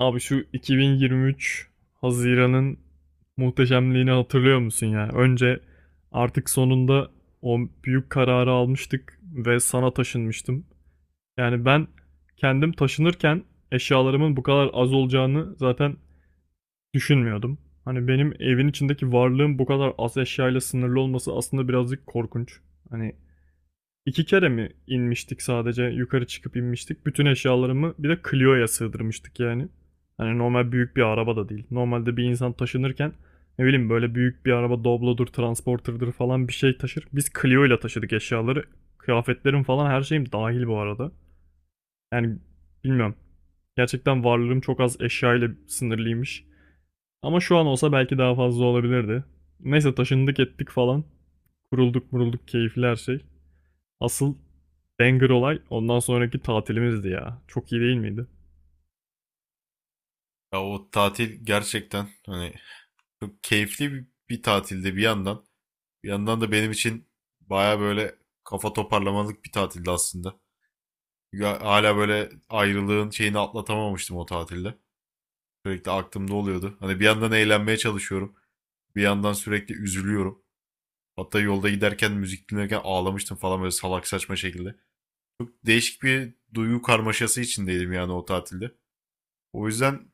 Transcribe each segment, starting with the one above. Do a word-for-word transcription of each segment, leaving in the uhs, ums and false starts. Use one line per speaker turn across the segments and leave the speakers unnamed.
Abi şu iki bin yirmi üç Haziran'ın muhteşemliğini hatırlıyor musun ya? Önce artık sonunda o büyük kararı almıştık ve sana taşınmıştım. Yani ben kendim taşınırken eşyalarımın bu kadar az olacağını zaten düşünmüyordum. Hani benim evin içindeki varlığım bu kadar az eşyayla sınırlı olması aslında birazcık korkunç. Hani İki kere mi inmiştik, sadece yukarı çıkıp inmiştik. Bütün eşyalarımı bir de Clio'ya sığdırmıştık yani. Hani normal büyük bir araba da değil. Normalde bir insan taşınırken ne bileyim böyle büyük bir araba Doblo'dur, Transporter'dır falan bir şey taşır. Biz Clio ile taşıdık eşyaları. Kıyafetlerim falan her şeyim dahil bu arada. Yani bilmiyorum. Gerçekten varlığım çok az eşya ile sınırlıymış. Ama şu an olsa belki daha fazla olabilirdi. Neyse taşındık ettik falan. Kurulduk murulduk, keyifli her şey. Asıl banger olay ondan sonraki tatilimizdi ya. Çok iyi değil miydi?
Ya o tatil gerçekten hani çok keyifli bir, bir tatilde bir yandan. Bir yandan da benim için baya böyle kafa toparlamalık bir tatildi aslında. Çünkü ha- hala böyle ayrılığın şeyini atlatamamıştım o tatilde. Sürekli aklımda oluyordu. Hani bir yandan eğlenmeye çalışıyorum. Bir yandan sürekli üzülüyorum. Hatta yolda giderken müzik dinlerken ağlamıştım falan böyle salak saçma şekilde. Çok değişik bir duygu karmaşası içindeydim yani o tatilde. O yüzden çok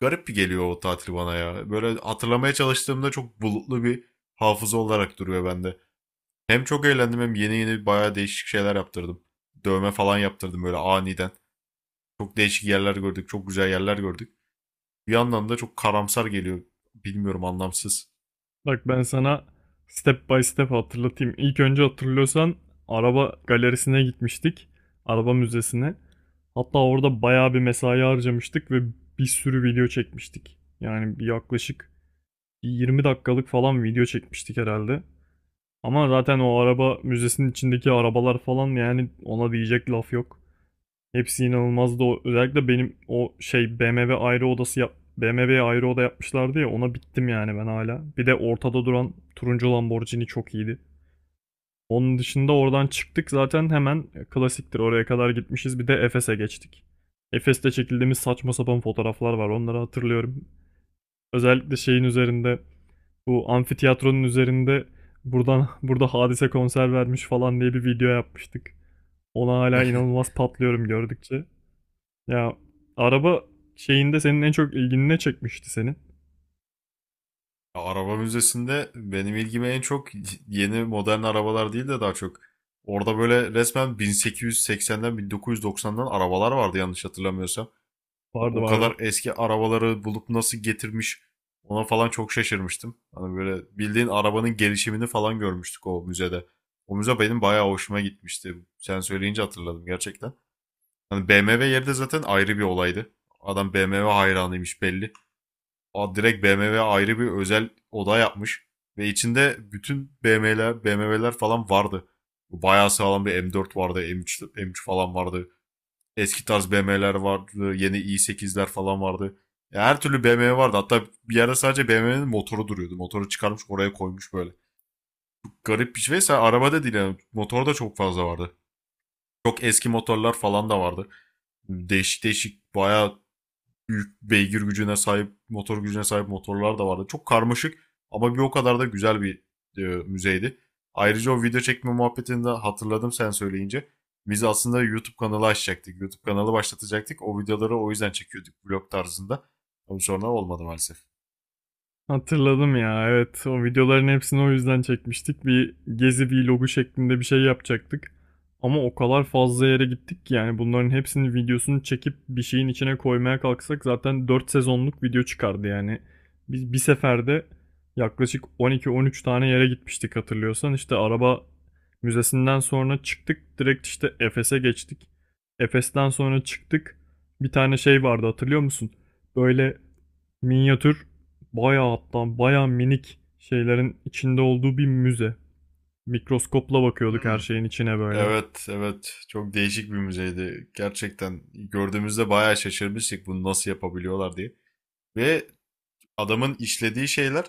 garip bir geliyor o tatil bana ya. Böyle hatırlamaya çalıştığımda çok bulutlu bir hafıza olarak duruyor bende. Hem çok eğlendim hem yeni yeni bayağı değişik şeyler yaptırdım. Dövme falan yaptırdım böyle aniden. Çok değişik yerler gördük, çok güzel yerler gördük. Bir yandan da çok karamsar geliyor. Bilmiyorum, anlamsız.
Bak ben sana step by step hatırlatayım. İlk önce hatırlıyorsan araba galerisine gitmiştik. Araba müzesine. Hatta orada bayağı bir mesai harcamıştık ve bir sürü video çekmiştik. Yani bir yaklaşık yirmi dakikalık falan video çekmiştik herhalde. Ama zaten o araba müzesinin içindeki arabalar falan, yani ona diyecek laf yok. Hepsi inanılmazdı. O, özellikle benim o şey B M W ayrı odası yap B M W'ye ayrı oda yapmışlardı ya, ona bittim yani ben hala. Bir de ortada duran turuncu Lamborghini çok iyiydi. Onun dışında oradan çıktık zaten hemen, klasiktir oraya kadar gitmişiz. Bir de Efes'e geçtik. Efes'te çekildiğimiz saçma sapan fotoğraflar var, onları hatırlıyorum. Özellikle şeyin üzerinde, bu amfiteyatronun üzerinde, buradan burada Hadise konser vermiş falan diye bir video yapmıştık. Ona hala inanılmaz patlıyorum gördükçe. Ya araba şeyinde senin en çok ilgini ne çekmişti senin?
Araba müzesinde benim ilgime en çok yeni modern arabalar değil de daha çok orada böyle resmen bin sekiz yüz seksenden bin dokuz yüz doksandan arabalar vardı yanlış hatırlamıyorsam.
Vardı
O
vardı.
kadar eski arabaları bulup nasıl getirmiş ona falan çok şaşırmıştım. Hani böyle bildiğin arabanın gelişimini falan görmüştük o müzede. O müze benim bayağı hoşuma gitmişti. Sen söyleyince hatırladım gerçekten. Hani B M W yeri de zaten ayrı bir olaydı. Adam B M W hayranıymış belli. Aa, direkt B M W ayrı bir özel oda yapmış. Ve içinde bütün B M W'ler, B M W'ler falan vardı. Bayağı sağlam bir M dört vardı, M üç, M üç falan vardı. Eski tarz B M W'ler vardı. Yeni i sekizler falan vardı. Ya, her türlü B M W vardı. Hatta bir yerde sadece B M W'nin motoru duruyordu. Motoru çıkarmış oraya koymuş böyle. Garip bir şey. Mesela arabada değil yani. Motor da çok fazla vardı. Çok eski motorlar falan da vardı. Değişik değişik bayağı büyük beygir gücüne sahip, motor gücüne sahip motorlar da vardı. Çok karmaşık ama bir o kadar da güzel bir e, müzeydi. Ayrıca o video çekme muhabbetinde hatırladım sen söyleyince. Biz aslında YouTube kanalı açacaktık. YouTube kanalı başlatacaktık. O videoları o yüzden çekiyorduk vlog tarzında. Ama sonra olmadı maalesef.
Hatırladım ya, evet, o videoların hepsini o yüzden çekmiştik. Bir gezi vlogu şeklinde bir şey yapacaktık. Ama o kadar fazla yere gittik ki yani bunların hepsinin videosunu çekip bir şeyin içine koymaya kalksak zaten dört sezonluk video çıkardı yani. Biz bir seferde yaklaşık on iki on üç tane yere gitmiştik hatırlıyorsan. İşte araba müzesinden sonra çıktık, direkt işte Efes'e geçtik. Efes'ten sonra çıktık. Bir tane şey vardı hatırlıyor musun? Böyle Minyatür, bayağı hatta bayağı minik şeylerin içinde olduğu bir müze. Mikroskopla bakıyorduk her
Hmm.
şeyin içine böyle.
Evet, evet. Çok değişik bir müzeydi. Gerçekten gördüğümüzde bayağı şaşırmıştık bunu nasıl yapabiliyorlar diye. Ve adamın işlediği şeyler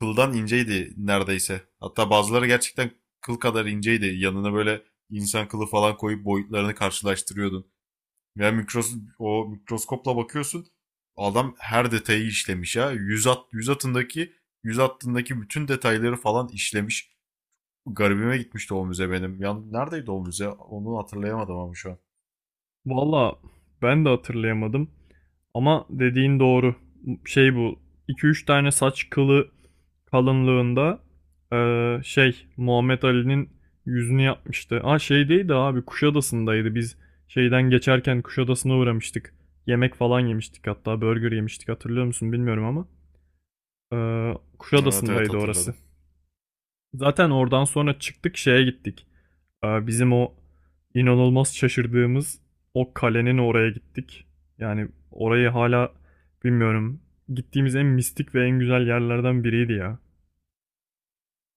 kıldan inceydi neredeyse. Hatta bazıları gerçekten kıl kadar inceydi. Yanına böyle insan kılı falan koyup boyutlarını karşılaştırıyordun. Ya mikros o mikroskopla bakıyorsun. Adam her detayı işlemiş ya. Yüz at yüz atındaki yüz hattındaki bütün detayları falan işlemiş. Garibime gitmişti o müze benim. Ya neredeydi o müze? Onu hatırlayamadım ama şu an.
Valla ben de hatırlayamadım ama dediğin doğru. Şey bu iki üç tane saç kılı kalınlığında eee, şey Muhammed Ali'nin yüzünü yapmıştı. Aa, şey değil de abi Kuşadası'ndaydı, biz şeyden geçerken Kuşadası'na uğramıştık. Yemek falan yemiştik, hatta burger yemiştik, hatırlıyor musun bilmiyorum ama. Eee
Evet evet,
Kuşadası'ndaydı orası.
hatırladım.
Zaten oradan sonra çıktık, şeye gittik. Ee, Bizim o inanılmaz şaşırdığımız o kalenin oraya gittik. Yani orayı hala bilmiyorum. Gittiğimiz en mistik ve en güzel yerlerden biriydi ya.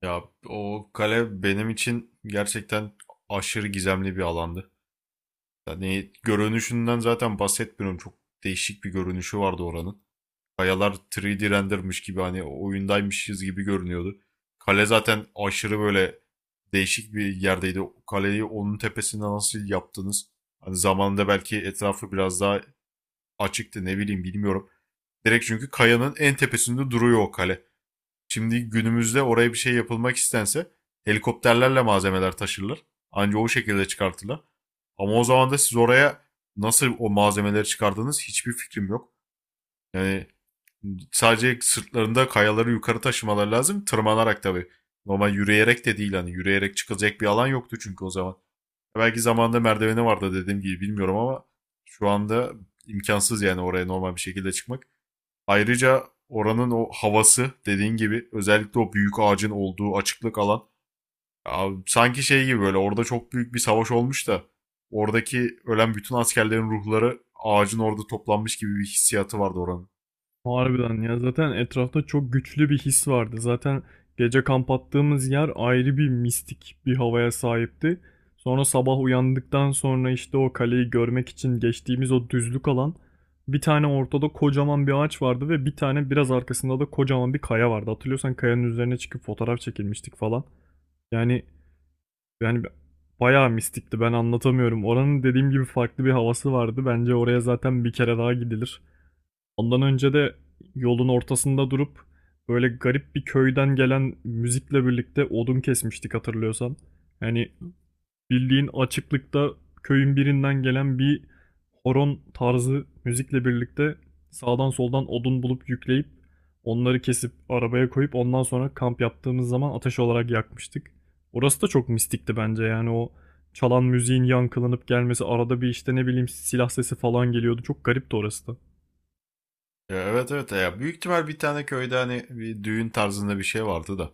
Ya o kale benim için gerçekten aşırı gizemli bir alandı. Yani görünüşünden zaten bahsetmiyorum. Çok değişik bir görünüşü vardı oranın. Kayalar üç D rendermiş gibi hani oyundaymışız gibi görünüyordu. Kale zaten aşırı böyle değişik bir yerdeydi. Kaleyi onun tepesinde nasıl yaptınız? Hani zamanında belki etrafı biraz daha açıktı, ne bileyim, bilmiyorum. Direkt çünkü kayanın en tepesinde duruyor o kale. Şimdi günümüzde oraya bir şey yapılmak istense helikopterlerle malzemeler taşırlar. Anca o şekilde çıkartırlar. Ama o zaman da siz oraya nasıl o malzemeleri çıkardınız hiçbir fikrim yok. Yani sadece sırtlarında kayaları yukarı taşımaları lazım. Tırmanarak tabii. Normal yürüyerek de değil, hani yürüyerek çıkılacak bir alan yoktu çünkü o zaman. Belki zamanında merdiveni vardı dediğim gibi, bilmiyorum ama şu anda imkansız yani oraya normal bir şekilde çıkmak. Ayrıca oranın o havası dediğin gibi özellikle o büyük ağacın olduğu açıklık alan, abi, sanki şey gibi böyle orada çok büyük bir savaş olmuş da oradaki ölen bütün askerlerin ruhları ağacın orada toplanmış gibi bir hissiyatı vardı oranın.
Harbiden ya, zaten etrafta çok güçlü bir his vardı. Zaten gece kamp attığımız yer ayrı bir mistik bir havaya sahipti. Sonra sabah uyandıktan sonra işte o kaleyi görmek için geçtiğimiz o düzlük alan, bir tane ortada kocaman bir ağaç vardı ve bir tane biraz arkasında da kocaman bir kaya vardı. Hatırlıyorsan kayanın üzerine çıkıp fotoğraf çekilmiştik falan. Yani yani bayağı mistikti, ben anlatamıyorum. Oranın dediğim gibi farklı bir havası vardı. Bence oraya zaten bir kere daha gidilir. Ondan önce de yolun ortasında durup böyle garip bir köyden gelen müzikle birlikte odun kesmiştik hatırlıyorsan. Yani bildiğin açıklıkta köyün birinden gelen bir horon tarzı müzikle birlikte sağdan soldan odun bulup yükleyip onları kesip arabaya koyup ondan sonra kamp yaptığımız zaman ateş olarak yakmıştık. Orası da çok mistikti bence, yani o çalan müziğin yankılanıp gelmesi, arada bir işte ne bileyim silah sesi falan geliyordu. Çok garipti orası da.
Ya, evet evet, ya büyük ihtimal bir tane köyde hani bir düğün tarzında bir şey vardı da.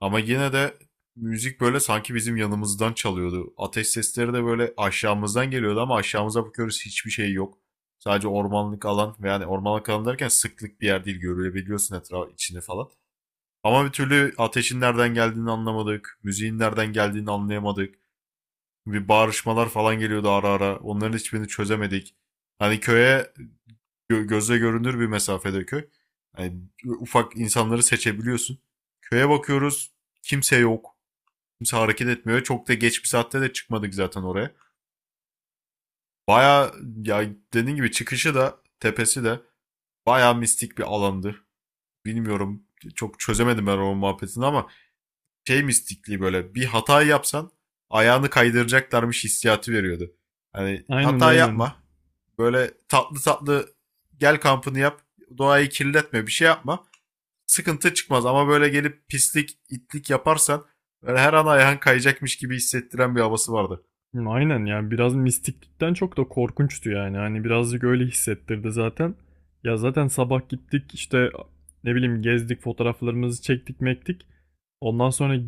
Ama yine de müzik böyle sanki bizim yanımızdan çalıyordu. Ateş sesleri de böyle aşağımızdan geliyordu ama aşağımıza bakıyoruz hiçbir şey yok. Sadece ormanlık alan ve yani ormanlık alan derken sıklık bir yer değil, görülebiliyorsun etraf içini falan. Ama bir türlü ateşin nereden geldiğini anlamadık. Müziğin nereden geldiğini anlayamadık. Bir bağırışmalar falan geliyordu ara ara. Onların hiçbirini çözemedik. Hani köye gö- gözle görünür bir mesafede köy. Yani ufak insanları seçebiliyorsun. Köye bakıyoruz. Kimse yok. Kimse hareket etmiyor. Çok da geç bir saatte de çıkmadık zaten oraya. Baya, ya, dediğin gibi çıkışı da tepesi de baya mistik bir alandı. Bilmiyorum, çok çözemedim ben o muhabbetini ama şey mistikliği, böyle bir hata yapsan ayağını kaydıracaklarmış hissiyatı veriyordu. Hani
Aynen,
hata
aynen.
yapma. Böyle tatlı tatlı gel kampını yap. Doğayı kirletme, bir şey yapma. Sıkıntı çıkmaz ama böyle gelip pislik itlik yaparsan böyle her an ayağın kayacakmış gibi hissettiren bir havası vardı.
Aynen. Yani biraz mistiklikten çok da korkunçtu yani. Hani birazcık öyle hissettirdi zaten. Ya zaten sabah gittik işte, ne bileyim, gezdik, fotoğraflarımızı çektik mektik. Ondan sonra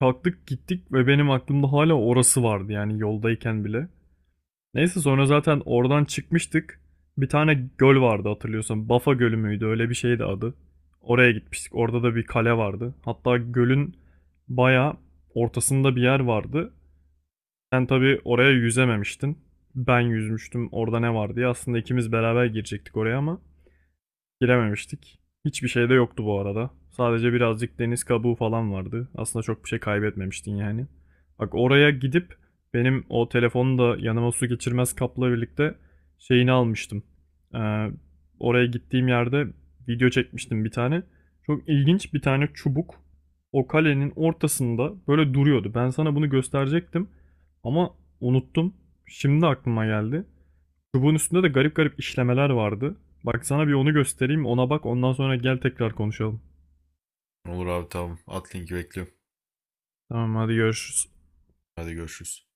kalktık gittik ve benim aklımda hala orası vardı yani yoldayken bile. Neyse, sonra zaten oradan çıkmıştık. Bir tane göl vardı hatırlıyorsan. Bafa Gölü müydü, öyle bir şeydi adı. Oraya gitmiştik. Orada da bir kale vardı. Hatta gölün baya ortasında bir yer vardı. Sen tabii oraya yüzememiştin. Ben yüzmüştüm. Orada ne var diye. Aslında ikimiz beraber girecektik oraya ama girememiştik. Hiçbir şey de yoktu bu arada. Sadece birazcık deniz kabuğu falan vardı. Aslında çok bir şey kaybetmemiştin yani. Bak, oraya gidip benim o telefonu da yanıma su geçirmez kapla birlikte şeyini almıştım. Ee, oraya gittiğim yerde video çekmiştim bir tane. Çok ilginç bir tane çubuk o kalenin ortasında böyle duruyordu. Ben sana bunu gösterecektim ama unuttum. Şimdi aklıma geldi. Çubuğun üstünde de garip garip işlemeler vardı. Bak, sana bir onu göstereyim, ona bak, ondan sonra gel tekrar konuşalım.
Olur abi, tamam. At linki, bekliyorum.
Tamam, hadi görüşürüz.
Hadi görüşürüz.